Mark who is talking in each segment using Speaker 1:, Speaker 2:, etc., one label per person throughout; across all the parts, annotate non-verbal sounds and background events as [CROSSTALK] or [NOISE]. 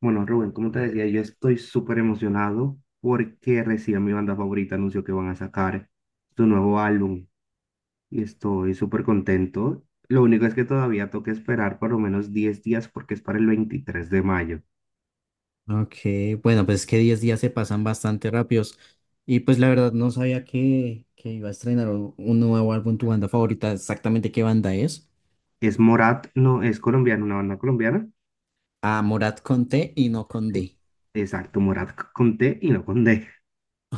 Speaker 1: Bueno, Rubén, como te decía, yo estoy súper emocionado porque recién mi banda favorita anunció que van a sacar su nuevo álbum y estoy súper contento. Lo único es que todavía toca esperar por lo menos 10 días porque es para el 23 de mayo.
Speaker 2: Ok, bueno, pues es que 10 días se pasan bastante rápidos. Y pues la verdad no sabía que iba a estrenar un nuevo álbum, tu banda favorita, exactamente qué banda es.
Speaker 1: Es Morat, no, es colombiano, una banda colombiana.
Speaker 2: Ah, Morat con T y no con
Speaker 1: Sí,
Speaker 2: D.
Speaker 1: exacto, Morat con T y no con D.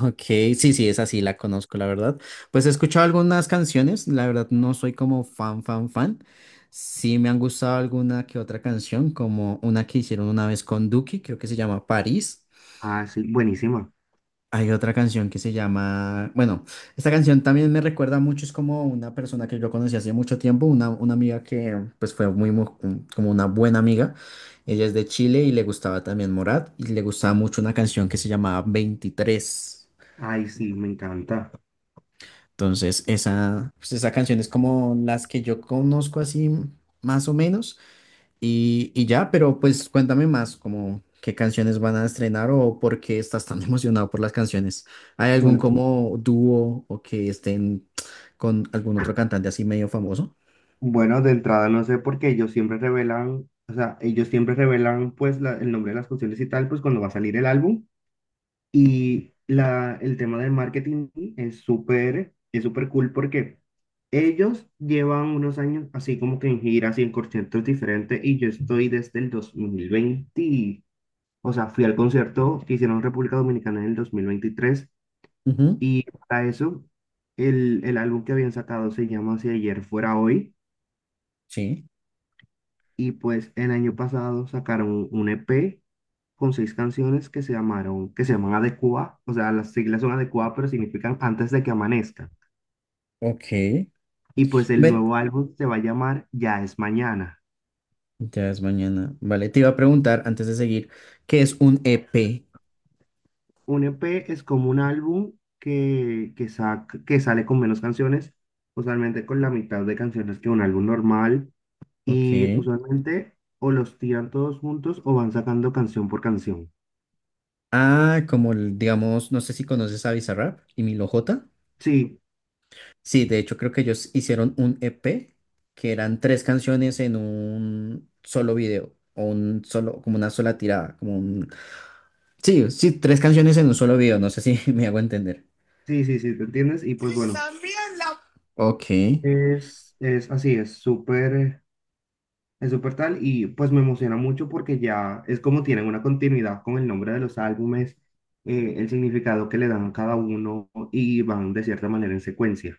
Speaker 2: Ok, sí, sí, esa sí la conozco, la verdad. Pues he escuchado algunas canciones, la verdad no soy como fan, fan, fan. Sí me han gustado alguna que otra canción, como una que hicieron una vez con Duki, creo que se llama París.
Speaker 1: Ah, sí, buenísima.
Speaker 2: Hay otra canción que se llama, bueno, esta canción también me recuerda mucho, es como una persona que yo conocí hace mucho tiempo, una amiga que pues fue muy, como una buena amiga, ella es de Chile y le gustaba también Morat y le gustaba mucho una canción que se llamaba 23.
Speaker 1: Ay, sí, me encanta.
Speaker 2: Entonces, esa, pues, esa canción es como las que yo conozco así más o menos. Y ya, pero pues cuéntame más, como qué canciones van a estrenar o por qué estás tan [LAUGHS] emocionado por las canciones. ¿Hay algún
Speaker 1: Bueno,
Speaker 2: como dúo o que estén con algún otro cantante así medio famoso?
Speaker 1: Bueno, de entrada no sé por qué ellos siempre revelan, o sea, ellos siempre revelan pues el nombre de las canciones y tal, pues cuando va a salir el álbum. Y el tema del marketing es súper cool porque ellos llevan unos años así como que en giras y en conciertos diferentes y yo estoy desde el 2020, o sea, fui al concierto que hicieron en República Dominicana en el 2023,
Speaker 2: Ujú.
Speaker 1: y para eso el álbum que habían sacado se llama Si ayer fuera hoy.
Speaker 2: Sí,
Speaker 1: Y pues el año pasado sacaron un EP con seis canciones que se llamaron, que se llaman Adecua, o sea, las siglas son Adecua, pero significan antes de que amanezca.
Speaker 2: ok.
Speaker 1: Y pues el
Speaker 2: Ven,
Speaker 1: nuevo álbum se va a llamar Ya es mañana.
Speaker 2: ya es mañana. Vale, te iba a preguntar antes de seguir, ¿qué es un EP?
Speaker 1: Un EP es como un álbum que sale con menos canciones, usualmente con la mitad de canciones que un álbum normal,
Speaker 2: Ok.
Speaker 1: y usualmente o los tiran todos juntos o van sacando canción por canción.
Speaker 2: Ah, digamos, no sé si conoces a Bizarrap y Milo J.
Speaker 1: Sí,
Speaker 2: Sí, de hecho creo que ellos hicieron un EP que eran tres canciones en un solo video o un solo, como una sola tirada, como un... Sí, sí, tres canciones en un solo video, no sé si [LAUGHS] me hago entender.
Speaker 1: sí, sí, sí, ¿te entiendes? Y pues
Speaker 2: Y
Speaker 1: bueno.
Speaker 2: también ok,
Speaker 1: Es así, es súper tal, y pues me emociona mucho porque ya es como tienen una continuidad con el nombre de los álbumes, el significado que le dan a cada uno y van de cierta manera en secuencia.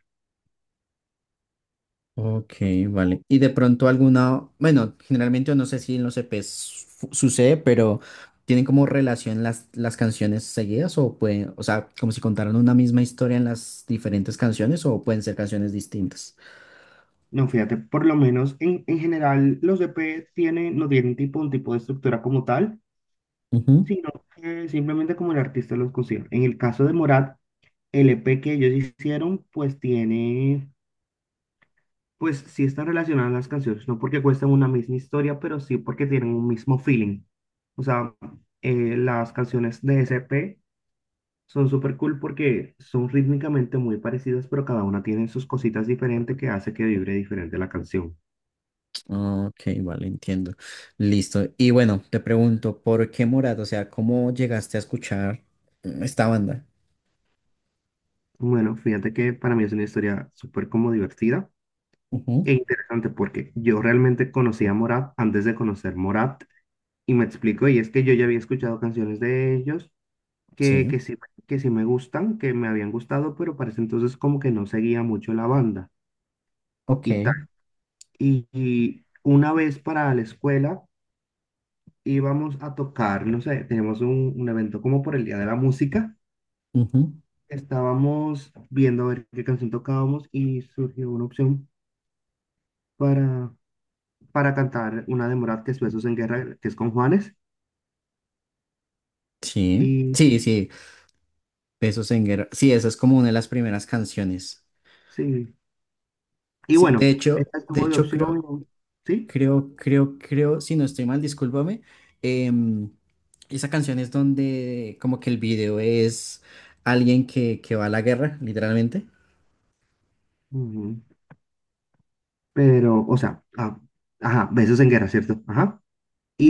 Speaker 2: ok, vale. Y de pronto alguna, bueno, generalmente no sé si en los EPs sucede, pero ¿tienen como relación las canciones seguidas o pueden, o sea, como si contaran una misma historia en las diferentes canciones o pueden ser canciones distintas?
Speaker 1: No, fíjate, por lo menos en general los EP tienen, no tienen tipo, un tipo de estructura como tal, sino que simplemente como el artista los consigue. En el caso de Morat, el EP que ellos hicieron pues tiene... Pues sí están relacionadas las canciones, no porque cuestan una misma historia, pero sí porque tienen un mismo feeling. O sea, las canciones de SP son súper cool porque son rítmicamente muy parecidas, pero cada una tiene sus cositas diferentes que hace que vibre diferente la canción.
Speaker 2: Ah, ok, vale, entiendo. Listo. Y bueno, te pregunto, ¿por qué Morat? O sea, ¿cómo llegaste a escuchar esta banda?
Speaker 1: Bueno, fíjate que para mí es una historia súper como divertida
Speaker 2: Ujú.
Speaker 1: e interesante porque yo realmente conocí a Morat antes de conocer Morat y me explico, y es que yo ya había escuchado canciones de ellos que,
Speaker 2: Sí.
Speaker 1: que sí, que sí me gustan, que me habían gustado, pero para ese entonces como que no seguía mucho la banda y tal.
Speaker 2: Ok.
Speaker 1: Y una vez para la escuela íbamos a tocar, no sé, teníamos un evento como por el Día de la Música.
Speaker 2: Ujú.
Speaker 1: Estábamos viendo a ver qué canción tocábamos y surgió una opción para, para cantar una de Morat, que es Besos en Guerra, que es con Juanes.
Speaker 2: Sí.
Speaker 1: Y
Speaker 2: Sí, sí. Besos en guerra. Sí, esa es como una de las primeras canciones.
Speaker 1: sí, y
Speaker 2: Sí,
Speaker 1: bueno, esta
Speaker 2: de
Speaker 1: estuvo de
Speaker 2: hecho, creo,
Speaker 1: opción, ¿sí?
Speaker 2: creo, creo, creo, si no estoy mal, discúlpame. em, Esa canción es donde como que el video es alguien que va a la guerra, literalmente.
Speaker 1: Ujú. Pero, o sea, ah, ajá, besos en guerra, ¿cierto? Ajá.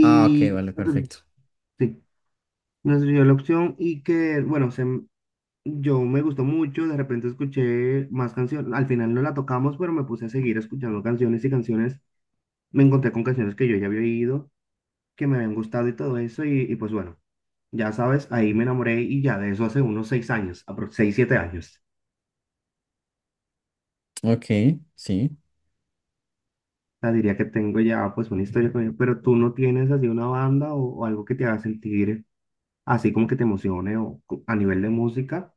Speaker 2: Ah, ok, vale, perfecto.
Speaker 1: sí, nos dio la opción y que, bueno, yo me gustó mucho, de repente escuché más canciones, al final no la tocamos, pero me puse a seguir escuchando canciones y canciones, me encontré con canciones que yo ya había oído, que me habían gustado y todo eso, y pues bueno, ya sabes, ahí me enamoré y ya de eso hace unos 6 años, seis, 7 años.
Speaker 2: Ok, sí.
Speaker 1: O sea, diría que tengo ya pues una historia con ella, pero tú no tienes así una banda o algo que te haga sentir así como que te emocione o a nivel de música.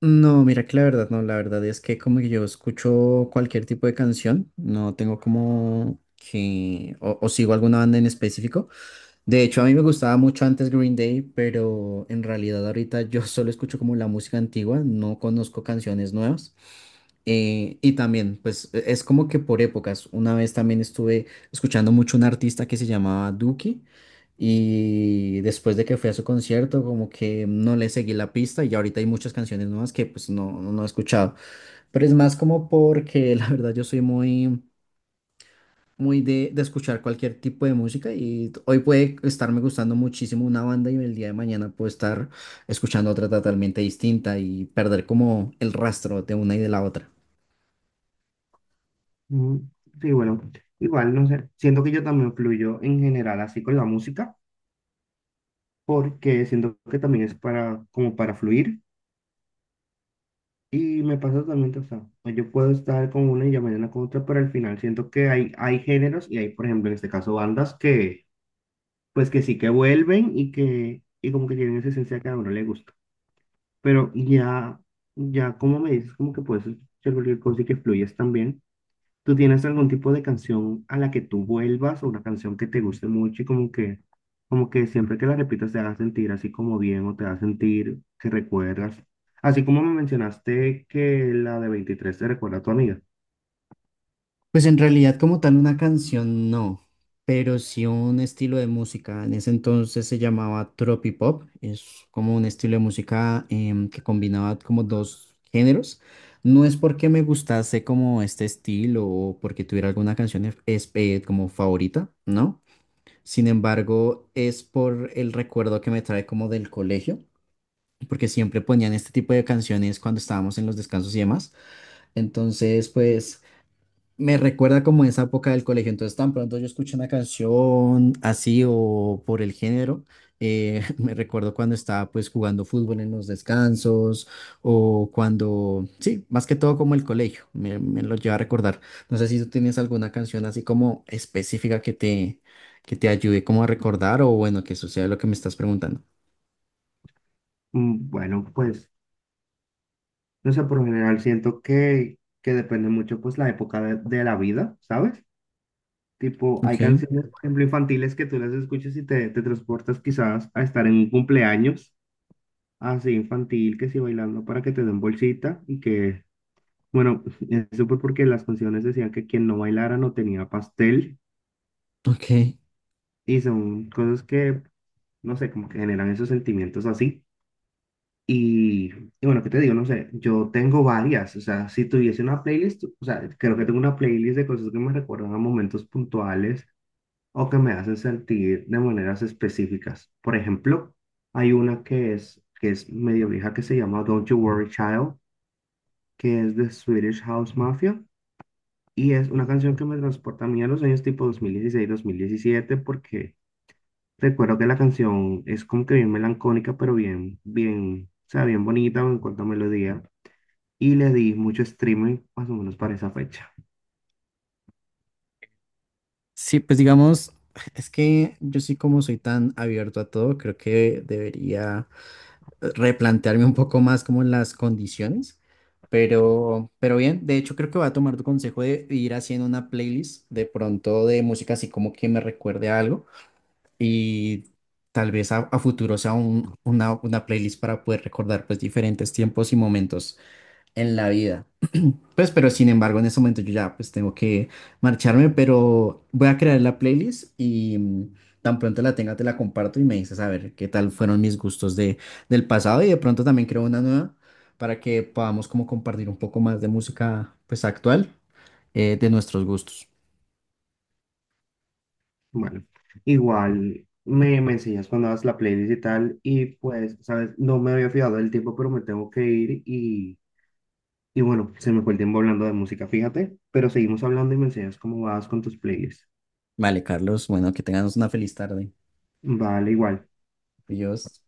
Speaker 2: No, mira que la verdad no, la verdad es que como que yo escucho cualquier tipo de canción, no tengo como que, o sigo alguna banda en específico, de hecho, a mí me gustaba mucho antes Green Day, pero en realidad ahorita yo [LAUGHS] solo escucho como la música antigua, no conozco canciones nuevas. Y también, pues es como que por épocas. Una vez también estuve escuchando mucho un artista que se llamaba Duki y después de que fui a su concierto, como que no le seguí la pista y ahorita hay muchas canciones nuevas que pues no he escuchado. Pero es más como porque [LAUGHS] la verdad yo soy muy muy de escuchar cualquier tipo de música y hoy puede estarme gustando muchísimo una banda y el día de mañana puedo estar escuchando otra totalmente distinta y perder como el rastro de una y de la otra.
Speaker 1: mm, Sí, bueno, igual, no sé, siento que yo también fluyo en general así con la música, porque siento que también es para, como para fluir, y me pasa totalmente, o sea, yo puedo estar con una y ya mañana con otra, pero al final siento que hay, géneros y hay, por ejemplo, en este caso, bandas que, pues que sí que vuelven y como que tienen esa esencia que a uno le gusta, pero ya, ya como me dices, como que puedes hacer cualquier cosa y que fluyes también. ¿Tú tienes algún tipo de canción a la que tú vuelvas o una canción que te guste mucho y como que siempre que la repitas te haga sentir así como bien o te haga sentir que recuerdas? Así como me mencionaste que la de 23 te recuerda a tu amiga.
Speaker 2: Pues en realidad como tal una canción no, pero sí un estilo de música. En ese entonces se llamaba tropipop, es como un estilo de música que combinaba como dos géneros. No es porque me gustase como este estilo o porque tuviera alguna canción como favorita, ¿no? Sin embargo, es por el recuerdo que me trae como del colegio, porque siempre ponían este tipo de canciones cuando estábamos en los descansos y demás. Entonces, pues me recuerda como esa época del colegio. Entonces, tan pronto yo escuché una canción así o por el género, [LAUGHS] me recuerdo cuando estaba pues jugando fútbol en los descansos o cuando, sí, más que todo como el colegio, me lo lleva a recordar. No sé si tú tienes alguna canción así como específica que te ayude como a recordar o bueno, que suceda lo que me estás preguntando.
Speaker 1: Bueno, pues, no sé, por lo general siento que depende mucho pues la época de la vida, ¿sabes? Tipo, hay
Speaker 2: Ok,
Speaker 1: canciones, por ejemplo, infantiles que tú las escuchas y te transportas quizás a estar en un cumpleaños así infantil, que sí bailando para que te den bolsita y que, bueno, [LAUGHS] eso fue porque las canciones decían que quien no bailara no tenía pastel
Speaker 2: ok.
Speaker 1: y son cosas que, no sé, como que generan esos sentimientos así. Y, y bueno, ¿qué te digo? No sé, yo tengo varias, o sea, si tuviese una playlist, o sea, creo que tengo una playlist de cosas que me recuerdan a momentos puntuales o que me hacen sentir de maneras específicas. Por ejemplo, hay una que es medio vieja que se llama Don't You Worry Child, que es de Swedish House Mafia. Y es una canción que me transporta a mí a los años tipo 2016-2017, porque recuerdo que la canción es como que bien melancólica, pero bien, bien, o sea, bien bonita en cuanto a melodía. Y le di mucho streaming más o menos para esa fecha.
Speaker 2: Sí, pues digamos, es que yo sí como soy tan abierto a todo, creo que debería replantearme un poco más como las condiciones, pero bien, de hecho creo que voy a tomar tu consejo de ir haciendo una playlist de pronto de música así como que me recuerde a algo y tal vez a futuro sea una playlist para poder recordar pues diferentes tiempos y momentos en la vida. Pues, pero sin embargo, en ese momento yo ya pues tengo que marcharme, pero voy a crear la playlist y tan pronto la tenga te la comparto y me dices a ver qué tal fueron mis gustos de, del pasado y de pronto también creo una nueva para que podamos como compartir un poco más de música pues actual de nuestros gustos.
Speaker 1: Bueno, igual me enseñas cuando hagas la playlist y tal. Y pues, ¿sabes? No me había fijado del tiempo, pero me tengo que ir. Y bueno, se me fue el tiempo hablando de música, fíjate. Pero seguimos hablando y me enseñas cómo vas con tus playlists.
Speaker 2: Vale, Carlos, bueno, que tengamos una feliz tarde.
Speaker 1: Vale, igual.
Speaker 2: Adiós.